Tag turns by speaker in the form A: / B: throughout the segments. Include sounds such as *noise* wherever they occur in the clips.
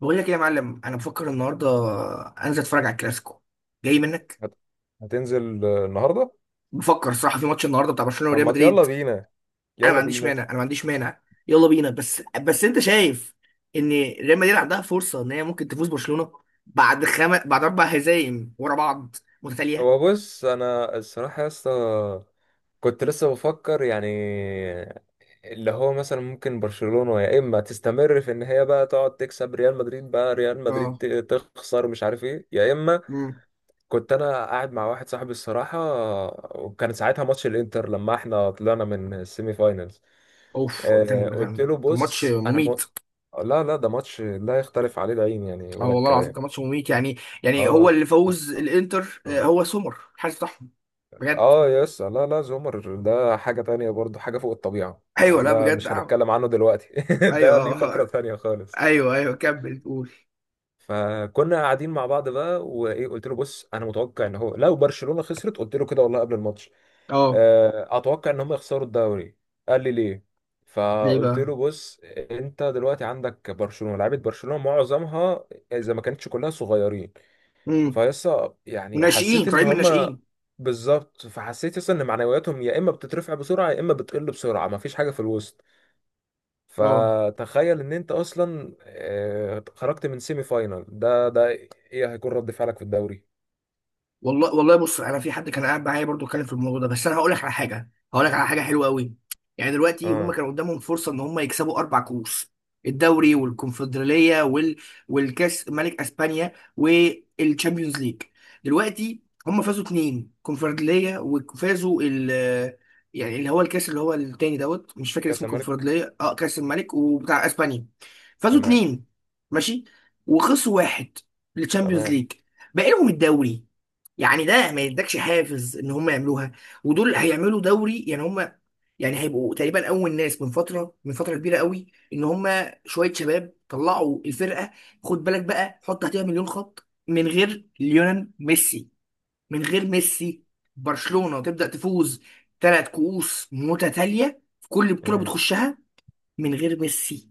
A: بقول لك ايه يا معلم، انا بفكر النهارده انزل اتفرج على الكلاسيكو. جاي منك.
B: هت- هتنزل النهارده.
A: بفكر الصراحه في ماتش النهارده بتاع برشلونه
B: طب
A: وريال
B: ما يلا
A: مدريد.
B: بينا.
A: انا ما
B: يلا
A: عنديش
B: بينا.
A: مانع، انا ما عنديش مانع. يلا بينا، بس انت شايف ان ريال مدريد عندها فرصه ان هي ممكن تفوز برشلونه بعد بعد 4 هزايم ورا بعض متتاليه.
B: هو بص، انا الصراحه يا اسطى، كنت لسه بفكر يعني اللي هو مثلا ممكن برشلونه يا اما تستمر في ان هي بقى تقعد تكسب ريال مدريد، بقى ريال مدريد
A: اه.
B: تخسر، مش عارف ايه، يا اما
A: امم.
B: كنت انا قاعد مع واحد صاحبي الصراحه، وكان ساعتها ماتش الانتر لما احنا طلعنا من السيمي فاينلز.
A: اوف، ده كان ده
B: قلت له
A: كان كان ماتش
B: بص،
A: مميت.
B: لا، لا، ده ماتش لا يختلف عليه العين يعني
A: اه
B: ولا
A: والله العظيم
B: الكلام.
A: كان ماتش مميت يعني. يعني هو
B: اه،
A: اللي فوز الانتر، هو سومر الحارس بتاعهم بجد.
B: اه يس، لا، لا، زومر ده حاجة تانية برضو، حاجة فوق الطبيعة.
A: ايوه لا
B: ده
A: بجد
B: مش
A: آه.
B: هنتكلم عنه دلوقتي. *laughs* ده ليه فقرة
A: ايوه
B: تانية
A: *laughs*
B: خالص.
A: ايوه ايوه كمل قول.
B: فكنا قاعدين مع بعض بقى، وايه، قلت له بص انا متوقع ان هو لو برشلونة خسرت، قلت له كده والله قبل الماتش.
A: اه.
B: اتوقع ان هم يخسروا الدوري. قال لي ليه؟
A: ليه
B: فقلت
A: بقى.
B: له بص، انت دلوقتي عندك برشلونة، لعيبة برشلونة معظمها اذا ما كانتش كلها صغيرين،
A: امم.
B: فيسا يعني
A: وناشئين
B: حسيت ان
A: طالعين من
B: هما
A: الناشئين.
B: بالظبط. فحسيت يسا ان معنوياتهم يا اما بتترفع بسرعه يا اما بتقل بسرعه، مفيش حاجه في الوسط.
A: اه
B: فتخيل ان انت اصلا خرجت من سيمي فاينال ده، ايه هيكون رد فعلك في الدوري؟
A: والله والله، بص انا في حد كان قاعد معايا برضو اتكلم في الموضوع ده، بس انا هقول لك على حاجه، هقول لك على حاجه حلوه قوي. يعني دلوقتي هم
B: اه،
A: كان قدامهم فرصه ان هم يكسبوا 4 كؤوس: الدوري والكونفدراليه والكاس ملك اسبانيا والتشامبيونز ليج. دلوقتي هم فازوا اتنين كونفدراليه، وفازوا ال، يعني اللي هو الكاس اللي هو التاني دوت، مش فاكر
B: كاس
A: اسمه
B: الملك.
A: كونفدراليه، اه، كاس الملك وبتاع اسبانيا. فازوا
B: تمام.
A: اتنين ماشي، وخسروا واحد للتشامبيونز
B: تمام.
A: ليج. بقالهم الدوري. يعني ده ما يدكش حافز ان هم يعملوها، ودول هيعملوا دوري يعني. هم يعني هيبقوا تقريبا اول ناس من فتره، من فتره كبيره قوي، ان هم شويه شباب طلعوا الفرقه. خد بالك بقى، حط تحتها مليون خط، من غير ليونel ميسي، من غير ميسي برشلونه تبدا تفوز 3 كؤوس متتاليه في كل بطوله
B: امم.
A: بتخشها، من غير ميسي.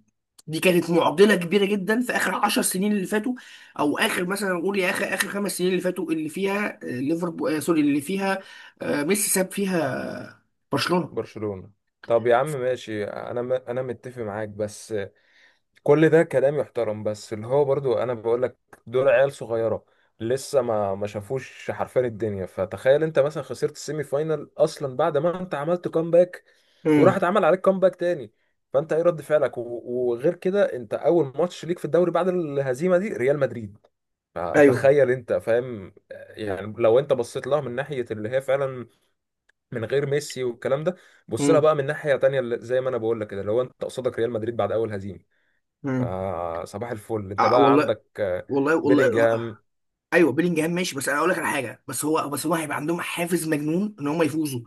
A: دي كانت معضله كبيره جدا في اخر 10 سنين اللي فاتوا، او اخر مثلا نقول يا اخر، اخر 5 سنين اللي فاتوا، اللي فيها ليفربول، سوري اللي فيها ميسي ساب فيها برشلونه.
B: برشلونه. طب يا عم ماشي، انا متفق معاك بس كل ده كلام يحترم، بس اللي هو برضو انا بقول لك، دول عيال صغيره لسه ما شافوش حرفيا الدنيا. فتخيل انت مثلا خسرت السيمي فاينال اصلا بعد ما انت عملت كومباك، وراح
A: امم.
B: اتعمل عليك كومباك تاني، فانت ايه رد فعلك؟ وغير كده انت اول ماتش ليك في الدوري بعد الهزيمه دي ريال مدريد،
A: ايوه.
B: فتخيل انت فاهم؟ يعني لو انت بصيت لها من ناحيه اللي هي فعلا من غير ميسي والكلام ده، بص لها
A: امم.
B: بقى من ناحيه تانيه زي ما انا بقول لك كده، لو انت قصادك ريال مدريد بعد اول هزيمه،
A: امم.
B: آه صباح الفل، انت
A: آه
B: بقى
A: والله.
B: عندك
A: والله والله آه. آه، آه.
B: بيلينجهام.
A: ايوه بيلينجهام ماشي، بس انا اقول لك على حاجه، بس هو، بس هو هيبقى عندهم حافز مجنون ان هم يفوزوا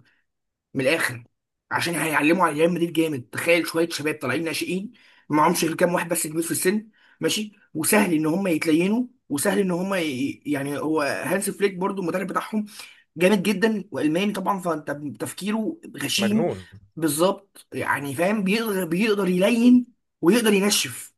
A: من الاخر، عشان هيعلموا على ريال مدريد جامد. تخيل شويه شباب طالعين ناشئين، معهمش غير كام واحد بس كبير في السن، ماشي، وسهل ان هم يتلينوا وسهل ان هم يعني. هو هانس فليك برضو المدرب بتاعهم جامد جدا، والماني طبعا، فانت تفكيره غشيم.
B: مجنون.
A: بالظبط، يعني فاهم، بيقدر يلين ويقدر ينشف،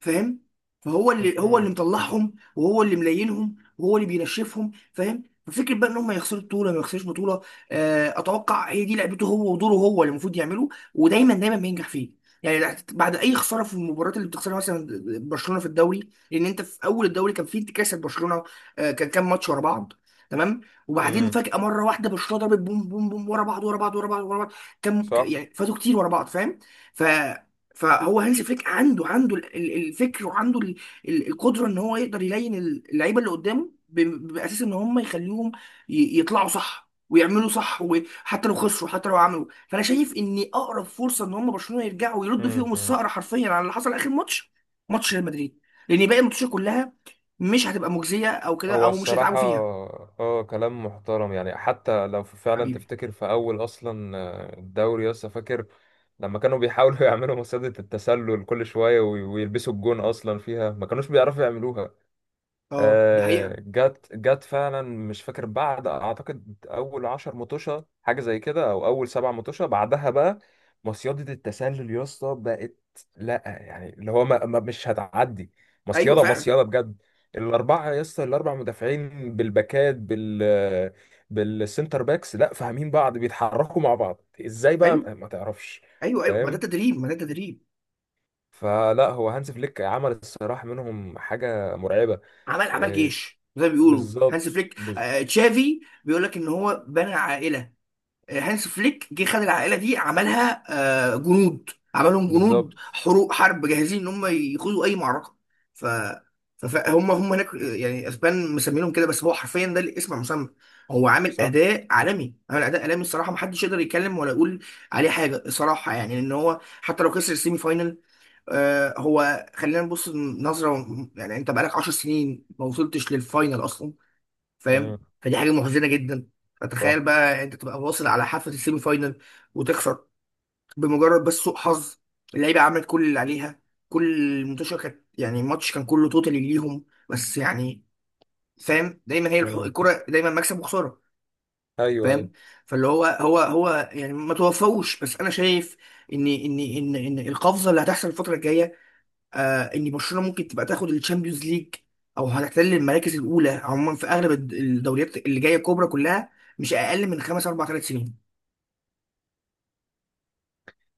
A: فاهم. فهو اللي هو، اللي
B: مم.
A: مطلعهم، وهو اللي ملاينهم، وهو اللي بينشفهم، فاهم. ففكرة بقى ان هم يخسروا بطوله ما يخسروش بطوله، اتوقع هي دي لعبته هو ودوره هو اللي المفروض يعمله، ودايما بينجح فيه. يعني بعد اي خساره في المباريات اللي بتخسرها مثلا برشلونه في الدوري، لان انت في اول الدوري كان في انتكاسه برشلونه، كان كام ماتش ورا بعض. تمام. وبعدين
B: امم.
A: فجاه مره واحده برشلونه ضربت بوم بوم بوم، ورا بعض ورا بعض ورا بعض ورا بعض. كان
B: صح.
A: يعني فاتوا كتير ورا بعض، فاهم. ف فهو هانز فليك عنده، الفكر، وعنده القدره ان هو يقدر يلين اللعيبه اللي قدامه باساس ان هم يخليهم يطلعوا صح ويعملوا صح، وحتى لو خسروا حتى لو عملوا. فانا شايف ان اقرب فرصه ان هم برشلونه يرجعوا ويردوا
B: مم.
A: فيهم
B: مم.
A: الثأر حرفيا على اللي حصل اخر ماتش، ماتش ريال مدريد، لان باقي الماتشات كلها مش هتبقى مجزيه او كده،
B: هو
A: او مش هيتعبوا
B: الصراحة،
A: فيها.
B: اه كلام محترم، يعني حتى لو فعلا
A: حبيبي.
B: تفتكر في أول أصلا الدوري، لسه فاكر لما كانوا بيحاولوا *laughs* يعملوا مصيدة التسلل كل شوية، ويلبسوا الجون أصلا فيها ما كانوش بيعرفوا يعملوها.
A: اه ده حقيقه.
B: جت جت فعلا مش فاكر، بعد اعتقد اول 10 مطوشه حاجه زي كده، او اول 7 مطوشه بعدها بقى مصيده التسلل يا اسطى بقت. لا يعني اللي هو مش هتعدي.
A: ايوه
B: مصيده
A: فعلا.
B: مصيده بجد. الاربعه يا اسطى، الاربع مدافعين بالباكات، بالسنتر باكس، لا، فاهمين بعض بيتحركوا مع بعض، ازاي
A: ايوه
B: بقى ما تعرفش؟
A: ايوه ايوه، ما ده
B: فاهم؟
A: تدريب، ما ده تدريب.
B: فلا، هو هانز فليك عمل الصراحه منهم حاجه مرعبه.
A: عمل، عمل
B: آه،
A: جيش زي ما بيقولوا
B: بالظبط.
A: هانس فليك.
B: بز-
A: آه تشافي بيقول لك ان هو بنى عائله، هانس فليك جه خد العائله دي عملها آه جنود، عملهم جنود
B: بالظبط.
A: حروب، حرب جاهزين ان هم يخوضوا اي معركه. ف فهم هناك، يعني اسبان مسمينهم كده بس هو حرفيا ده الاسم المسمى. هو عامل
B: صح.
A: اداء عالمي، عامل اداء عالمي الصراحه، محدش يقدر يتكلم ولا يقول عليه حاجه الصراحه، يعني ان هو حتى لو خسر السيمي فاينل. هو خلينا نبص نظرة، يعني انت بقالك 10 سنين ما وصلتش للفاينل اصلا،
B: امم.
A: فاهم، فدي حاجة محزنة جدا. فتخيل
B: صح.
A: بقى انت تبقى واصل على حافة السيمي فاينل وتخسر بمجرد بس سوء حظ، اللعيبة عملت كل اللي عليها، كل الماتش كانت يعني، الماتش كان كله توتالي ليهم، بس يعني فاهم، دايما هي
B: امم.
A: الكرة دايما مكسب وخسارة،
B: ايوه. ايوه.
A: فاهم. فاللي هو، هو يعني ما توفوش، بس انا شايف ان ان القفزة اللي هتحصل الفترة الجاية، آه ان برشلونه ممكن تبقى تاخد الشامبيونز ليج، او هتحتل المراكز الاولى عموما في اغلب الدوريات اللي جايه الكبرى كلها، مش اقل من خمس، اربع، ثلاث سنين.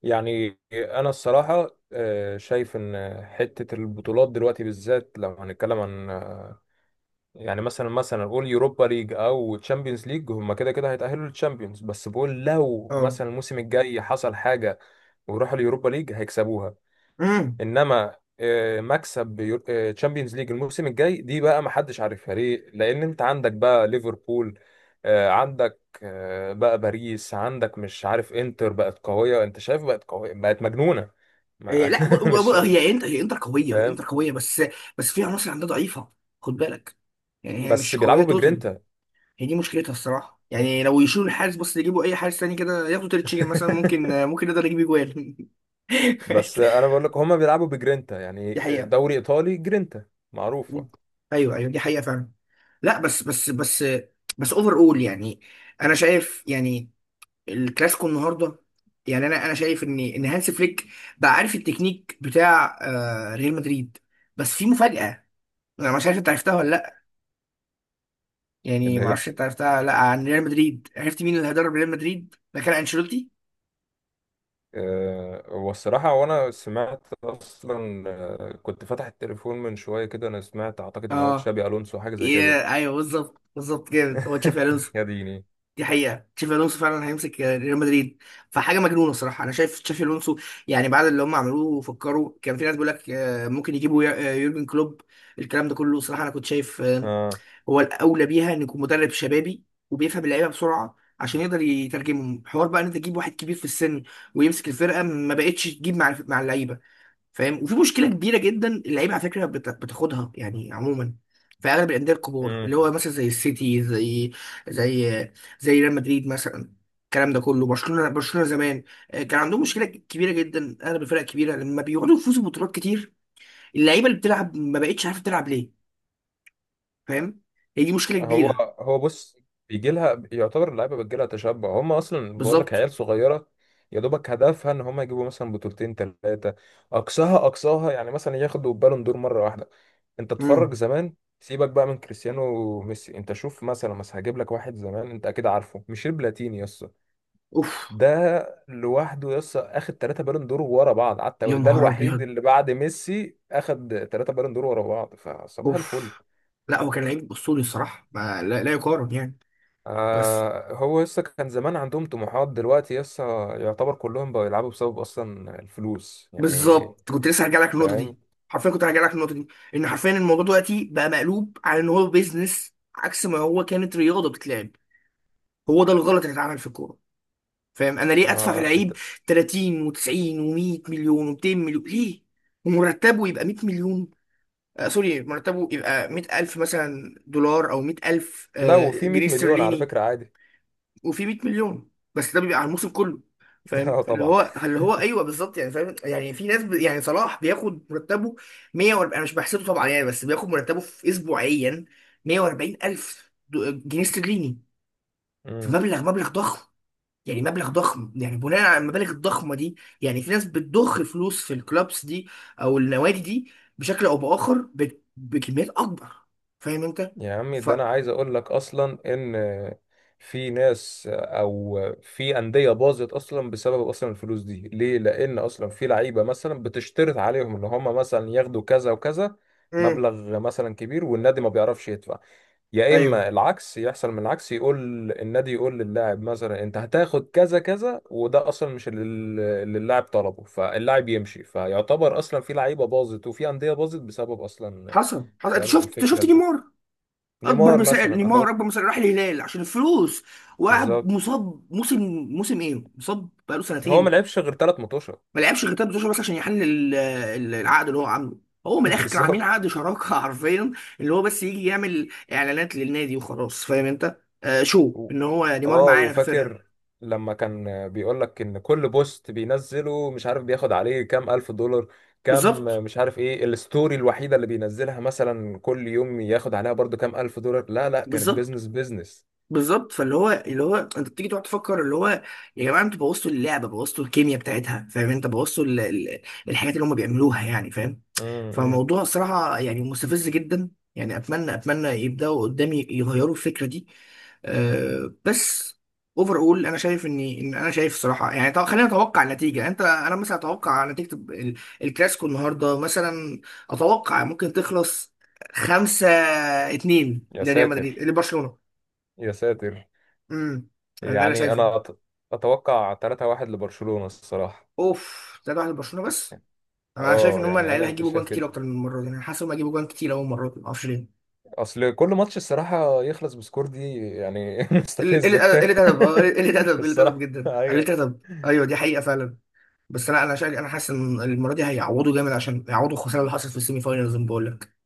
B: يعني انا الصراحه شايف ان حته البطولات دلوقتي بالذات لو هنتكلم عن يعني مثلا، مثلا قول يوروبا ليج او تشامبيونز ليج، هم كده كده هيتاهلوا للتشامبيونز، بس بقول لو
A: اه.
B: مثلا الموسم الجاي حصل حاجه وراحوا اليوروبا ليج هيكسبوها.
A: امم.
B: انما مكسب تشامبيونز ليج الموسم الجاي دي بقى ما حدش عارفها ليه، لان انت عندك بقى ليفربول، عندك بقى باريس، عندك مش عارف انتر بقت قوية، انت شايف بقت قوية بقت مجنونة.
A: إيه
B: ما
A: لا،
B: *laughs* مش
A: هي انتر، هي انتر قويه، هي
B: فاهم،
A: انتر قويه بس، بس في عناصر عندها ضعيفه، خد بالك. يعني هي
B: بس
A: مش قويه
B: بيلعبوا
A: توتال،
B: بجرينتا.
A: هي دي مشكلتها الصراحه، يعني لو يشيلوا الحارس بس، يجيبوا اي حارس تاني كده، ياخدوا تريتشيجن مثلا، ممكن
B: *laughs*
A: ممكن يقدر يجيب اجوال.
B: بس انا بقول لك هما بيلعبوا بجرينتا
A: *laughs*
B: يعني،
A: دي حقيقه.
B: دوري ايطالي جرينتا معروفة.
A: مم. ايوه ايوه دي حقيقه فعلا. لا بس اوفر اول، يعني انا شايف يعني الكلاسيكو النهارده، يعني انا شايف ان هانس فليك بقى عارف التكنيك بتاع آه ريال مدريد، بس في مفاجاه. انا مش عارف انت عرفتها ولا لا، يعني
B: اللي
A: ما
B: هي
A: اعرفش انت عرفتها ولا لا عن ريال مدريد. عرفت مين اللي هيدرب ريال مدريد مكان انشيلوتي؟
B: هو الصراحة، وأنا سمعت أصلا كنت فاتح التليفون من شوية كده، أنا سمعت أعتقد إن هو
A: اه.
B: تشابي ألونسو حاجة زي
A: إيه.
B: كده.
A: ايوه بالظبط بالظبط، جامد، هو تشافي
B: *laughs*
A: الونسو.
B: يا ديني.
A: دي حقيقة، تشافي الونسو فعلا هيمسك ريال مدريد، فحاجة مجنونة الصراحة. أنا شايف تشافي الونسو، يعني بعد اللي هم عملوه فكروا، كان في ناس بيقول لك ممكن يجيبوا يورجن كلوب، الكلام ده كله. صراحة أنا كنت شايف آه،
B: آه.
A: هو الأولى بيها إن يكون مدرب شبابي وبيفهم اللعيبة بسرعة عشان يقدر يترجمهم. حوار بقى إن أنت تجيب واحد كبير في السن ويمسك الفرقة، ما بقتش تجيب مع، اللعيبة، فاهم. وفي مشكله كبيره جدا، اللعيبه على فكره بتاخدها يعني عموما في اغلب الانديه الكبار، اللي
B: مم.
A: هو مثلا زي السيتي، زي، زي زي ريال مدريد مثلا، الكلام ده كله. برشلونه، برشلونه زمان كان عندهم مشكله كبيره جدا، اغلب الفرق الكبيره لما بيقعدوا يفوزوا ببطولات كتير، اللعيبه اللي بتلعب ما بقتش عارفه تلعب ليه، فاهم. هي دي مشكله
B: هو
A: كبيره.
B: هو بص، بيجي لها يعتبر اللعيبة بتجي لها تشبع، هم أصلا بقول لك
A: بالظبط.
B: عيال صغيرة، يا دوبك هدفها إن هم يجيبوا مثلا بطولتين 3، أقصاها أقصاها يعني مثلا ياخدوا بالون دور مرة واحدة. أنت
A: امم.
B: اتفرج زمان، سيبك بقى من كريستيانو وميسي، انت شوف مثلا، بس هجيب لك واحد زمان انت اكيد عارفه، ميشيل بلاتيني يس،
A: اوف.
B: ده لوحده يس اخد 3 بالون دور ورا بعض على
A: يا
B: التوالي، ده
A: نهار
B: الوحيد
A: ابيض.
B: اللي بعد ميسي اخد 3 بالون دور ورا بعض. فصباح الفل،
A: اوف. لا هو كان لعيب اسطوري الصراحه، ما لا, لا يقارن يعني. بس.
B: آه هو يس كان زمان عندهم طموحات، دلوقتي يس يعتبر كلهم بقوا يلعبوا بسبب اصلا الفلوس يعني
A: بالظبط، كنت لسه هرجع لك النقطه
B: فاهم؟
A: دي، حرفيا كنت هرجع لك النقطه دي. ان حرفيا الموضوع دلوقتي بقى مقلوب على ان هو بيزنس، عكس ما هو كانت رياضه بتتلعب. هو ده الغلط اللي اتعمل في الكوره، فاهم. انا ليه ادفع في
B: ما
A: لعيب
B: إت-
A: 30 و90 و100 مليون و200 مليون؟ ليه ومرتبه يبقى 100 مليون؟ آه سوري، مرتبه يبقى 100,000 مثلا دولار، او 100,000
B: لو
A: آه
B: في 100
A: جنيه
B: مليون على
A: استرليني.
B: فكرة عادي.
A: وفي 100 مليون، بس ده بيبقى على الموسم كله،
B: *laughs*
A: فاهم.
B: اه
A: فاللي
B: طبعا.
A: هو، اللي هو، ايوه بالظبط، يعني فاهم. يعني في ناس يعني صلاح بياخد مرتبه 140، انا مش بحسبه طبعا يعني، بس بياخد مرتبه في اسبوعيا 140 الف جنيه استرليني،
B: مم.
A: فمبلغ، مبلغ ضخم. يعني مبلغ ضخم، يعني بناء على المبالغ الضخمه دي، يعني في ناس بتضخ فلوس في الكلابس دي او النوادي دي بشكل او باخر بكميات اكبر، فاهم انت.
B: يا عمي
A: ف
B: ده انا عايز اقول لك اصلا ان في ناس او في انديه باظت اصلا بسبب اصلا الفلوس دي، ليه؟ لان اصلا في لعيبه مثلا بتشترط عليهم ان هم مثلا ياخدوا كذا وكذا
A: امم.
B: مبلغ مثلا كبير، والنادي ما بيعرفش يدفع، يا
A: ايوه.
B: اما العكس يحصل، من العكس يقول النادي، يقول للاعب مثلا انت هتاخد كذا كذا، وده اصلا مش اللي اللاعب طلبه، فاللاعب يمشي، فيعتبر اصلا في لعيبه باظت وفي انديه باظت بسبب اصلا،
A: حصل حصل، انت
B: فاهم
A: شفت، انت
B: الفكره
A: شفت
B: دي؟
A: نيمار؟ اكبر
B: نيمار
A: مثال
B: مثلا
A: نيمار،
B: اهو.
A: اكبر مثال، راح الهلال عشان الفلوس وقعد
B: بالظبط.
A: مصاب موسم، موسم ايه، مصاب بقاله
B: هو
A: سنتين.
B: ما لعبش غير 3 ماتشات.
A: ما لعبش غير 13 بس عشان يحل العقد اللي هو عامله. هو من
B: *laughs*
A: الاخر كانوا عاملين
B: بالظبط.
A: عقد شراكه *laughs* حرفيا، اللي هو بس يجي يعمل اعلانات للنادي وخلاص، فاهم انت، آه شو
B: و-
A: ان هو نيمار
B: اه،
A: معانا في
B: وفاكر
A: الفرقه.
B: لما كان بيقول لك ان كل بوست بينزله مش عارف بياخد عليه كام الف دولار، كام
A: بالظبط
B: مش عارف ايه، الستوري الوحيده اللي بينزلها مثلا كل يوم ياخد عليها برضو كام الف دولار، لا، لا، كانت
A: بالظبط
B: بيزنس بيزنس.
A: بالظبط. فاللي هو، اللي هو، انت بتيجي تقعد تفكر اللي هو، يا جماعه انتوا بوظتوا اللعبه، بوظتوا الكيمياء بتاعتها، فاهم انت، بوظتوا الحاجات اللي هم بيعملوها، يعني فاهم.
B: امم.
A: فموضوع صراحة يعني مستفز جدا، يعني أتمنى، أتمنى يبدأوا قدامي يغيروا الفكرة دي. أه بس اوفر اول، انا شايف اني انا شايف صراحه يعني، طب خلينا نتوقع النتيجه. انت، انا مثلا اتوقع نتيجه الكلاسيكو النهارده مثلا، اتوقع ممكن تخلص 5-2،
B: يا
A: لريال مدريد
B: ساتر.
A: لبرشلونه.
B: يا ساتر.
A: امم. ده اللي أنا
B: يعني
A: شايفه.
B: انا اتوقع 3-1 لبرشلونه الصراحه.
A: اوف، 3 واحد لبرشلونه بس. انا شايف ان
B: اه
A: هم
B: يعني
A: العيال
B: انا
A: هيجيبوا جوان
B: شايف
A: كتير
B: كده،
A: اكتر من المره دي، انا حاسس ان هم هيجيبوا جوان كتير، اول مره ما اعرفش ليه.
B: اصل كل ماتش الصراحه يخلص بسكور دي يعني، *laughs* مستفزه،
A: قلة،
B: فاهم؟
A: قلة أدب، قلة
B: *laughs*
A: أدب، قلة أدب
B: الصراحه
A: جدا، قلة
B: ايوه.
A: أدب، أيوه دي حقيقة فعلا. بس أنا شايف، أنا حاسس إن المرة دي هيعوضوا جامد عشان يعوضوا الخسارة اللي حصلت في السيمي فاينلز، بقول لك.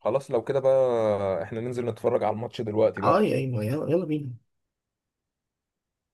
B: خلاص لو كده بقى، احنا ننزل نتفرج على الماتش دلوقتي
A: أه
B: بقى.
A: أيوه يلا يلا بينا.